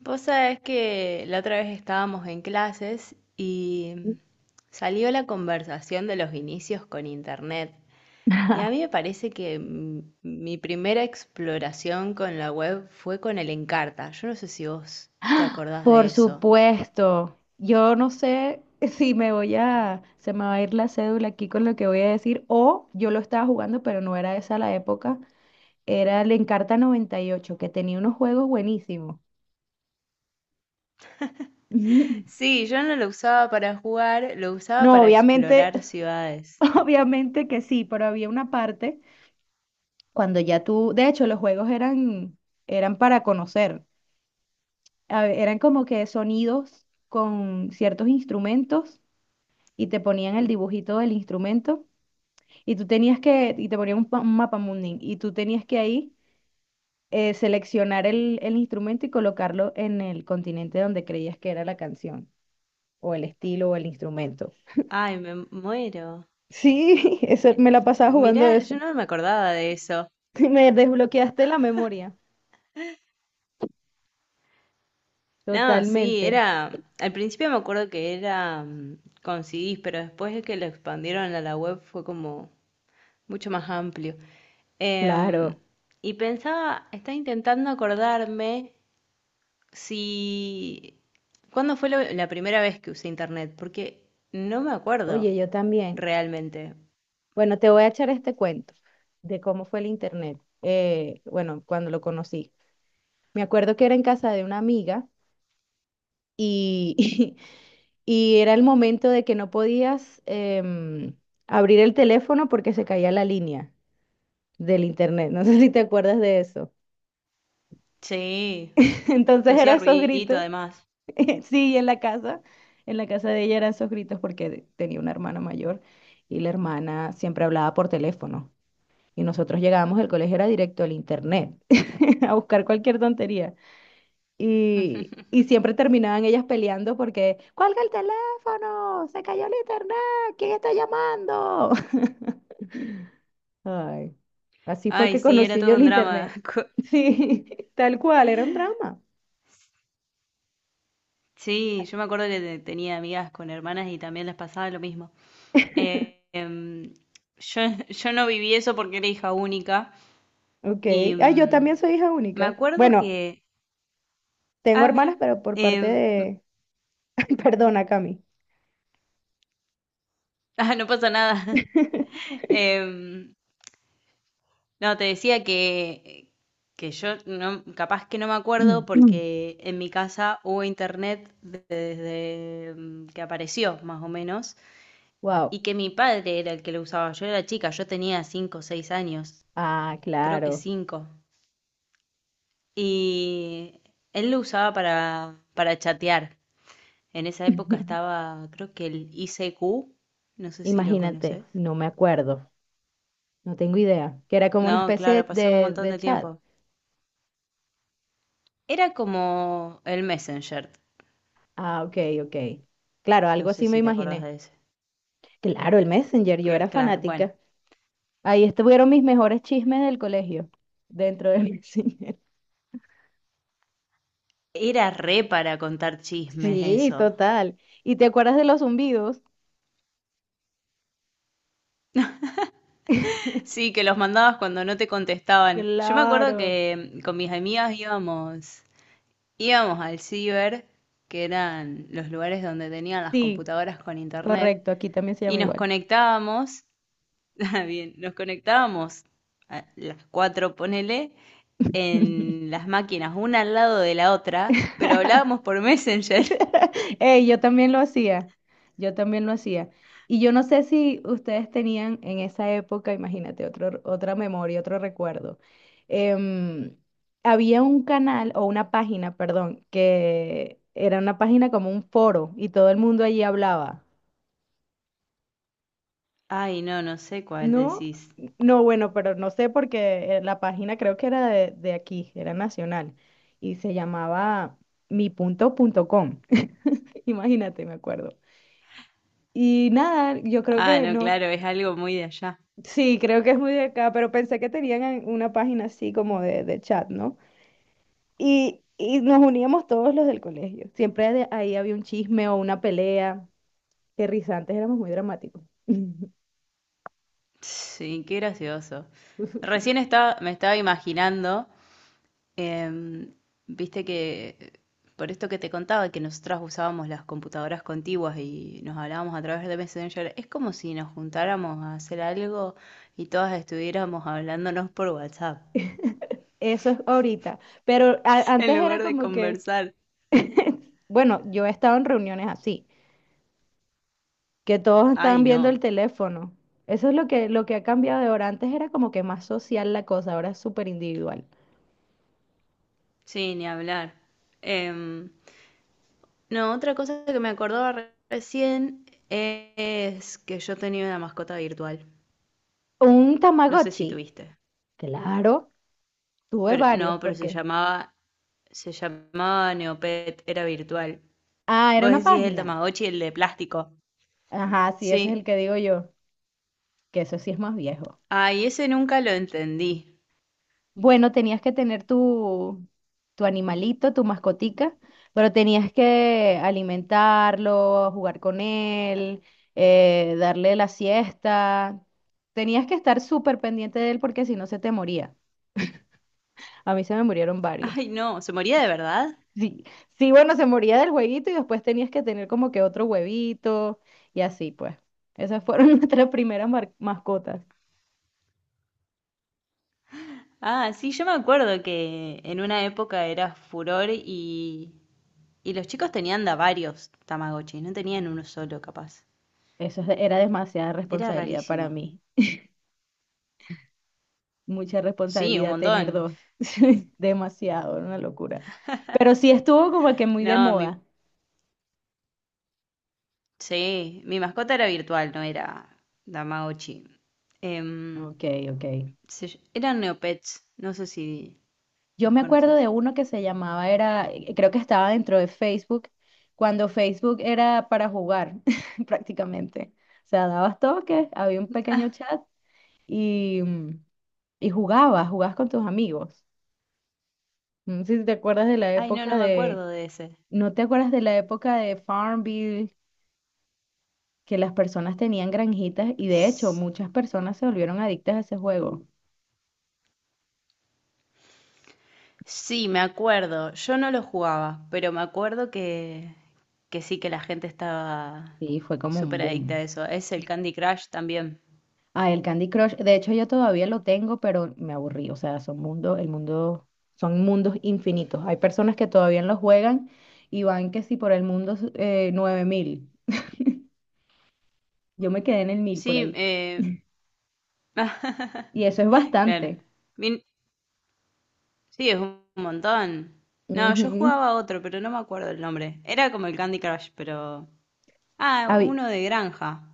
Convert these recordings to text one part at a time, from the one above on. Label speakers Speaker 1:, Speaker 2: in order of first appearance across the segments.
Speaker 1: Vos sabés que la otra vez estábamos en clases y salió la conversación de los inicios con Internet. Y a mí me parece que mi primera exploración con la web fue con el Encarta. Yo no sé si vos te acordás de
Speaker 2: Por
Speaker 1: eso.
Speaker 2: supuesto, yo no sé si se me va a ir la cédula aquí con lo que voy a decir, o yo lo estaba jugando, pero no era esa la época, era el Encarta 98 que tenía unos juegos buenísimos.
Speaker 1: Sí, yo no lo usaba para jugar, lo usaba
Speaker 2: No,
Speaker 1: para
Speaker 2: obviamente,
Speaker 1: explorar ciudades.
Speaker 2: obviamente que sí, pero había una parte cuando ya tú, de hecho, los juegos eran, eran para conocer, eran como que sonidos con ciertos instrumentos y te ponían el dibujito del instrumento. Y tú tenías que, y te ponían un, un mapa mundi, y tú tenías que ahí seleccionar el instrumento y colocarlo en el continente donde creías que era la canción, o el estilo, o el instrumento.
Speaker 1: Ay, me muero.
Speaker 2: Sí, eso, me la pasaba jugando
Speaker 1: Mirá, yo
Speaker 2: eso.
Speaker 1: no me acordaba de eso.
Speaker 2: Me desbloqueaste la memoria.
Speaker 1: No, sí,
Speaker 2: Totalmente.
Speaker 1: era. Al principio me acuerdo que era con CDs, pero después de que lo expandieron a la web fue como mucho más amplio. Em,
Speaker 2: Claro.
Speaker 1: y pensaba, estaba intentando acordarme si. ¿Cuándo fue la primera vez que usé internet? Porque no me acuerdo
Speaker 2: Oye, yo también.
Speaker 1: realmente.
Speaker 2: Bueno, te voy a echar este cuento de cómo fue el internet. Bueno, cuando lo conocí. Me acuerdo que era en casa de una amiga y, y era el momento de que no podías em, abrir el teléfono porque se caía la línea del internet. No sé si te acuerdas de eso.
Speaker 1: Sí, que
Speaker 2: Entonces eran
Speaker 1: hacía
Speaker 2: esos
Speaker 1: ruidito
Speaker 2: gritos.
Speaker 1: además.
Speaker 2: Sí, en la casa de ella eran esos gritos porque tenía una hermana mayor y la hermana siempre hablaba por teléfono. Y nosotros llegábamos, el colegio era directo al internet a buscar cualquier tontería. Y siempre terminaban ellas peleando porque, cuelga el teléfono, se cayó el internet, ¿quién está llamando? Ay, así fue
Speaker 1: Ay,
Speaker 2: que
Speaker 1: sí, era
Speaker 2: conocí yo
Speaker 1: todo
Speaker 2: el
Speaker 1: un drama.
Speaker 2: internet. Sí, tal cual, era un drama.
Speaker 1: Sí, yo me acuerdo que tenía amigas con hermanas y también les pasaba lo mismo. Eh, em, yo, yo no viví eso porque era hija única
Speaker 2: Ok,
Speaker 1: y
Speaker 2: ah, yo también soy hija
Speaker 1: me
Speaker 2: única.
Speaker 1: acuerdo
Speaker 2: Bueno,
Speaker 1: que...
Speaker 2: tengo
Speaker 1: Ah, mira.
Speaker 2: hermanas, pero por parte
Speaker 1: em,
Speaker 2: de... Ay, perdona, Cami.
Speaker 1: ah, no pasa nada. Em, no, te decía que yo no, capaz que no me acuerdo porque en mi casa hubo internet desde que apareció, más o menos,
Speaker 2: Wow.
Speaker 1: y que mi padre era el que lo usaba. Yo era chica, yo tenía 5 o 6 años,
Speaker 2: Ah,
Speaker 1: creo que
Speaker 2: claro.
Speaker 1: cinco. Y él lo usaba para chatear. En esa época estaba, creo que el ICQ, no sé si lo
Speaker 2: Imagínate,
Speaker 1: conoces.
Speaker 2: no me acuerdo, no tengo idea, que era como una
Speaker 1: No, claro,
Speaker 2: especie
Speaker 1: pasó un
Speaker 2: de,
Speaker 1: montón
Speaker 2: de
Speaker 1: de
Speaker 2: chat.
Speaker 1: tiempo. Era como el Messenger,
Speaker 2: Ah, ok, ok. Claro,
Speaker 1: no
Speaker 2: algo
Speaker 1: sé
Speaker 2: así me
Speaker 1: si te acordás
Speaker 2: imaginé.
Speaker 1: de ese.
Speaker 2: Claro, el Messenger, yo era
Speaker 1: Claro, bueno.
Speaker 2: fanática. Ahí estuvieron mis mejores chismes del colegio, dentro del Messenger.
Speaker 1: Era re para contar chismes
Speaker 2: Sí,
Speaker 1: eso.
Speaker 2: total. ¿Y te acuerdas de los zumbidos?
Speaker 1: Sí, que los mandabas cuando no te contestaban. Yo me acuerdo
Speaker 2: Claro.
Speaker 1: que con mis amigas íbamos, íbamos al ciber, que eran los lugares donde tenían las
Speaker 2: Sí,
Speaker 1: computadoras con internet.
Speaker 2: correcto, aquí también se
Speaker 1: Y
Speaker 2: llama
Speaker 1: nos
Speaker 2: igual.
Speaker 1: conectábamos, ah, bien, nos conectábamos a las cuatro, ponele, en las máquinas, una al lado de la otra, pero hablábamos por Messenger.
Speaker 2: Ey, yo también lo hacía, yo también lo hacía. Y yo no sé si ustedes tenían en esa época, imagínate, otro, otra memoria, otro recuerdo. Em, Había un canal o una página, perdón, que era una página como un foro y todo el mundo allí hablaba.
Speaker 1: Ay, no, no sé cuál
Speaker 2: No,
Speaker 1: decís.
Speaker 2: no, bueno, pero no sé porque la página creo que era de aquí, era nacional y se llamaba mi punto punto com. Imagínate, me acuerdo. Y nada, yo creo
Speaker 1: Ah,
Speaker 2: que
Speaker 1: no,
Speaker 2: no,
Speaker 1: claro, es algo muy de allá.
Speaker 2: sí, creo que es muy de acá, pero pensé que tenían una página así como de chat, ¿no? Y nos uníamos todos los del colegio. Siempre de ahí había un chisme o una pelea. Qué risa, antes éramos muy dramáticos.
Speaker 1: Sí, qué gracioso. Recién estaba, me estaba imaginando. Em, viste que por esto que te contaba, que nosotras usábamos las computadoras contiguas y nos hablábamos a través de Messenger, es como si nos juntáramos a hacer algo y todas estuviéramos hablándonos por WhatsApp,
Speaker 2: Eso es ahorita. Pero
Speaker 1: en
Speaker 2: antes era
Speaker 1: lugar de
Speaker 2: como que,
Speaker 1: conversar.
Speaker 2: bueno, yo he estado en reuniones así, que todos estaban
Speaker 1: Ay,
Speaker 2: viendo
Speaker 1: no.
Speaker 2: el teléfono. Eso es lo que ha cambiado de ahora. Antes era como que más social la cosa, ahora es súper individual.
Speaker 1: Sí, ni hablar. Em, no, otra cosa que me acordaba recién es que yo tenía una mascota virtual.
Speaker 2: Un
Speaker 1: No sé si
Speaker 2: Tamagotchi,
Speaker 1: tuviste.
Speaker 2: claro. Tuve
Speaker 1: Pero
Speaker 2: varios
Speaker 1: no, pero
Speaker 2: porque...
Speaker 1: se llamaba Neopet, era virtual.
Speaker 2: Ah, era
Speaker 1: Vos
Speaker 2: una
Speaker 1: decís el
Speaker 2: página.
Speaker 1: Tamagotchi, el de plástico.
Speaker 2: Ajá, sí, ese es el
Speaker 1: Sí.
Speaker 2: que digo yo, que eso sí es más viejo.
Speaker 1: Ay, ese nunca lo entendí.
Speaker 2: Bueno, tenías que tener tu animalito, tu mascotica, pero tenías que alimentarlo, jugar con él, darle la siesta. Tenías que estar súper pendiente de él porque si no se te moría. A mí se me murieron varios.
Speaker 1: Ay, no, ¿se moría de verdad?
Speaker 2: Sí, sí, bueno, se moría del huevito y después tenías que tener como que otro huevito y así pues. Esas fueron nuestras primeras mascotas.
Speaker 1: Ah, sí, yo me acuerdo que en una época era furor y los chicos tenían da varios Tamagotchis, no tenían uno solo capaz.
Speaker 2: Eso era demasiada
Speaker 1: Era
Speaker 2: responsabilidad para
Speaker 1: rarísimo.
Speaker 2: mí. Mucha
Speaker 1: Sí, un
Speaker 2: responsabilidad tener
Speaker 1: montón.
Speaker 2: dos. Sí, demasiado, era una locura. Pero sí estuvo como que muy de
Speaker 1: No,
Speaker 2: moda.
Speaker 1: sí, mi mascota era virtual, no era Tamagotchi. Em,
Speaker 2: Ok, ok.
Speaker 1: eran Neopets, no sé si
Speaker 2: Yo
Speaker 1: los
Speaker 2: me acuerdo
Speaker 1: conoces.
Speaker 2: de uno que se llamaba, era, creo que estaba dentro de Facebook, cuando Facebook era para jugar prácticamente. O sea, dabas toques, había un pequeño
Speaker 1: Ah,
Speaker 2: chat y, y jugabas con tus amigos. No sé si te acuerdas de la
Speaker 1: ay, no,
Speaker 2: época
Speaker 1: no me
Speaker 2: de,
Speaker 1: acuerdo de ese.
Speaker 2: ¿no te acuerdas de la época de Farmville, que las personas tenían granjitas y de hecho
Speaker 1: S-
Speaker 2: muchas personas se volvieron adictas a ese juego?
Speaker 1: Sí, me acuerdo. Yo no lo jugaba, pero me acuerdo que sí que la gente estaba
Speaker 2: Sí, fue como un
Speaker 1: súper adicta a
Speaker 2: boom.
Speaker 1: eso. Es el Candy Crush también.
Speaker 2: Ah, el Candy Crush, de hecho yo todavía lo tengo, pero me aburrí, o sea, son mundos infinitos. Hay personas que todavía lo juegan y van que si por el mundo 9.000. Yo me quedé en el 1.000 por
Speaker 1: Sí,
Speaker 2: ahí. Y eso es
Speaker 1: claro.
Speaker 2: bastante.
Speaker 1: Min- Sí, es un montón. No, yo
Speaker 2: Ujú.
Speaker 1: jugaba otro, pero no me acuerdo el nombre. Era como el Candy Crush, pero... Ah,
Speaker 2: Habi-
Speaker 1: uno de granja.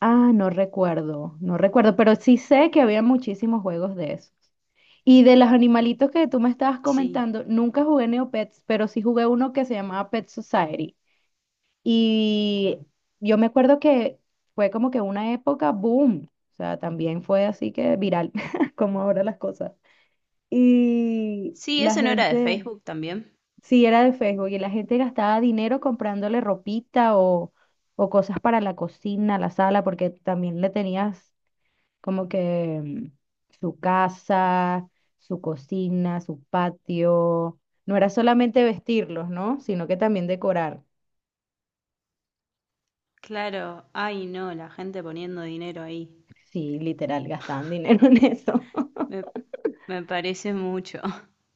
Speaker 2: ah, no recuerdo, no recuerdo, pero sí sé que había muchísimos juegos de esos. Y de los animalitos que tú me estabas
Speaker 1: Sí.
Speaker 2: comentando, nunca jugué Neopets, pero sí jugué uno que se llamaba Pet Society. Y yo me acuerdo que fue como que una época boom, o sea, también fue así que viral, como ahora las cosas. Y
Speaker 1: Sí,
Speaker 2: la
Speaker 1: ¿eso no era de
Speaker 2: gente,
Speaker 1: Facebook también?
Speaker 2: sí, era de Facebook y la gente gastaba dinero comprándole ropita o cosas para la cocina, la sala, porque también le tenías como que su casa, su cocina, su patio. No era solamente vestirlos, ¿no? Sino que también decorar.
Speaker 1: Claro. Ay, no, la gente poniendo dinero ahí.
Speaker 2: Sí, literal, gastaban dinero en eso.
Speaker 1: Me, me parece mucho.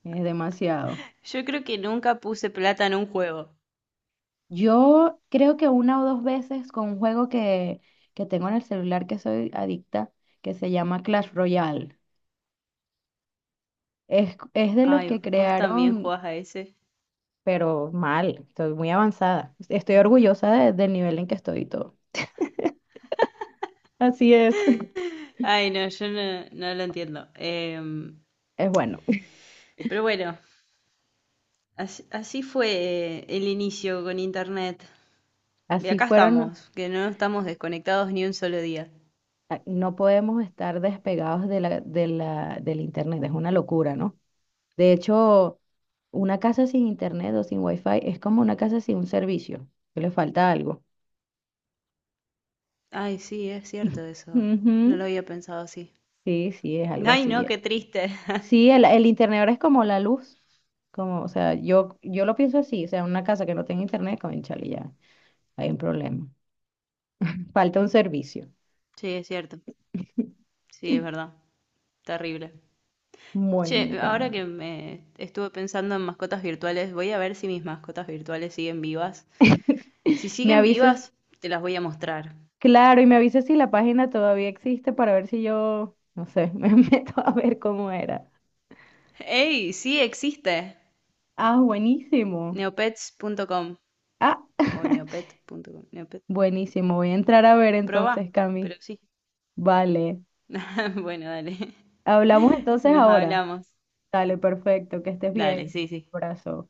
Speaker 2: Es demasiado.
Speaker 1: Yo creo que nunca puse plata en un juego.
Speaker 2: Yo creo que una o dos veces con un juego que tengo en el celular que soy adicta, que se llama Clash Royale. Es de los
Speaker 1: Ay,
Speaker 2: que
Speaker 1: vos también
Speaker 2: crearon,
Speaker 1: jugás a ese.
Speaker 2: pero mal, estoy muy avanzada. Estoy orgullosa del nivel en que estoy y todo. Así es.
Speaker 1: Ay, no, yo no, no lo entiendo.
Speaker 2: Es bueno,
Speaker 1: Pero bueno, así, así fue el inicio con internet. Y
Speaker 2: así
Speaker 1: acá
Speaker 2: fueron,
Speaker 1: estamos, que no estamos desconectados ni un solo día.
Speaker 2: a- no podemos estar despegados del internet, es una locura, ¿no? De hecho, una casa sin internet o sin wifi es como una casa sin un servicio, que le falta algo.
Speaker 1: Ay, sí, es cierto eso. No lo
Speaker 2: Ujú,
Speaker 1: había pensado así.
Speaker 2: sí, sí, es algo
Speaker 1: Ay, no, qué
Speaker 2: así.
Speaker 1: triste.
Speaker 2: Sí, el internet ahora es como la luz, como, o sea, yo lo pienso así, o sea, una casa que no tenga internet, cónchale, ya, hay un problema. Falta un servicio.
Speaker 1: Sí, es cierto. Sí, es verdad. Terrible. Che,
Speaker 2: Bueno,
Speaker 1: ahora
Speaker 2: Cami,
Speaker 1: que me estuve pensando en mascotas virtuales, voy a ver si mis mascotas virtuales siguen vivas. Si
Speaker 2: me
Speaker 1: siguen
Speaker 2: avisas,
Speaker 1: vivas, te las voy a mostrar.
Speaker 2: claro, y me avisas si la página todavía existe para ver si yo, no sé, me meto a ver cómo era.
Speaker 1: ¡Ey! Sí existe.
Speaker 2: Ah, buenísimo.
Speaker 1: Neopets.com
Speaker 2: Ah,
Speaker 1: o neopet.com. Neopet.
Speaker 2: buenísimo, voy a entrar a ver
Speaker 1: Proba,
Speaker 2: entonces,
Speaker 1: pero
Speaker 2: Cami.
Speaker 1: sí.
Speaker 2: Vale,
Speaker 1: bueno, dale.
Speaker 2: hablamos entonces
Speaker 1: Nos
Speaker 2: ahora.
Speaker 1: hablamos.
Speaker 2: Dale, perfecto, que estés
Speaker 1: Dale,
Speaker 2: bien.
Speaker 1: sí, sí.
Speaker 2: Abrazo.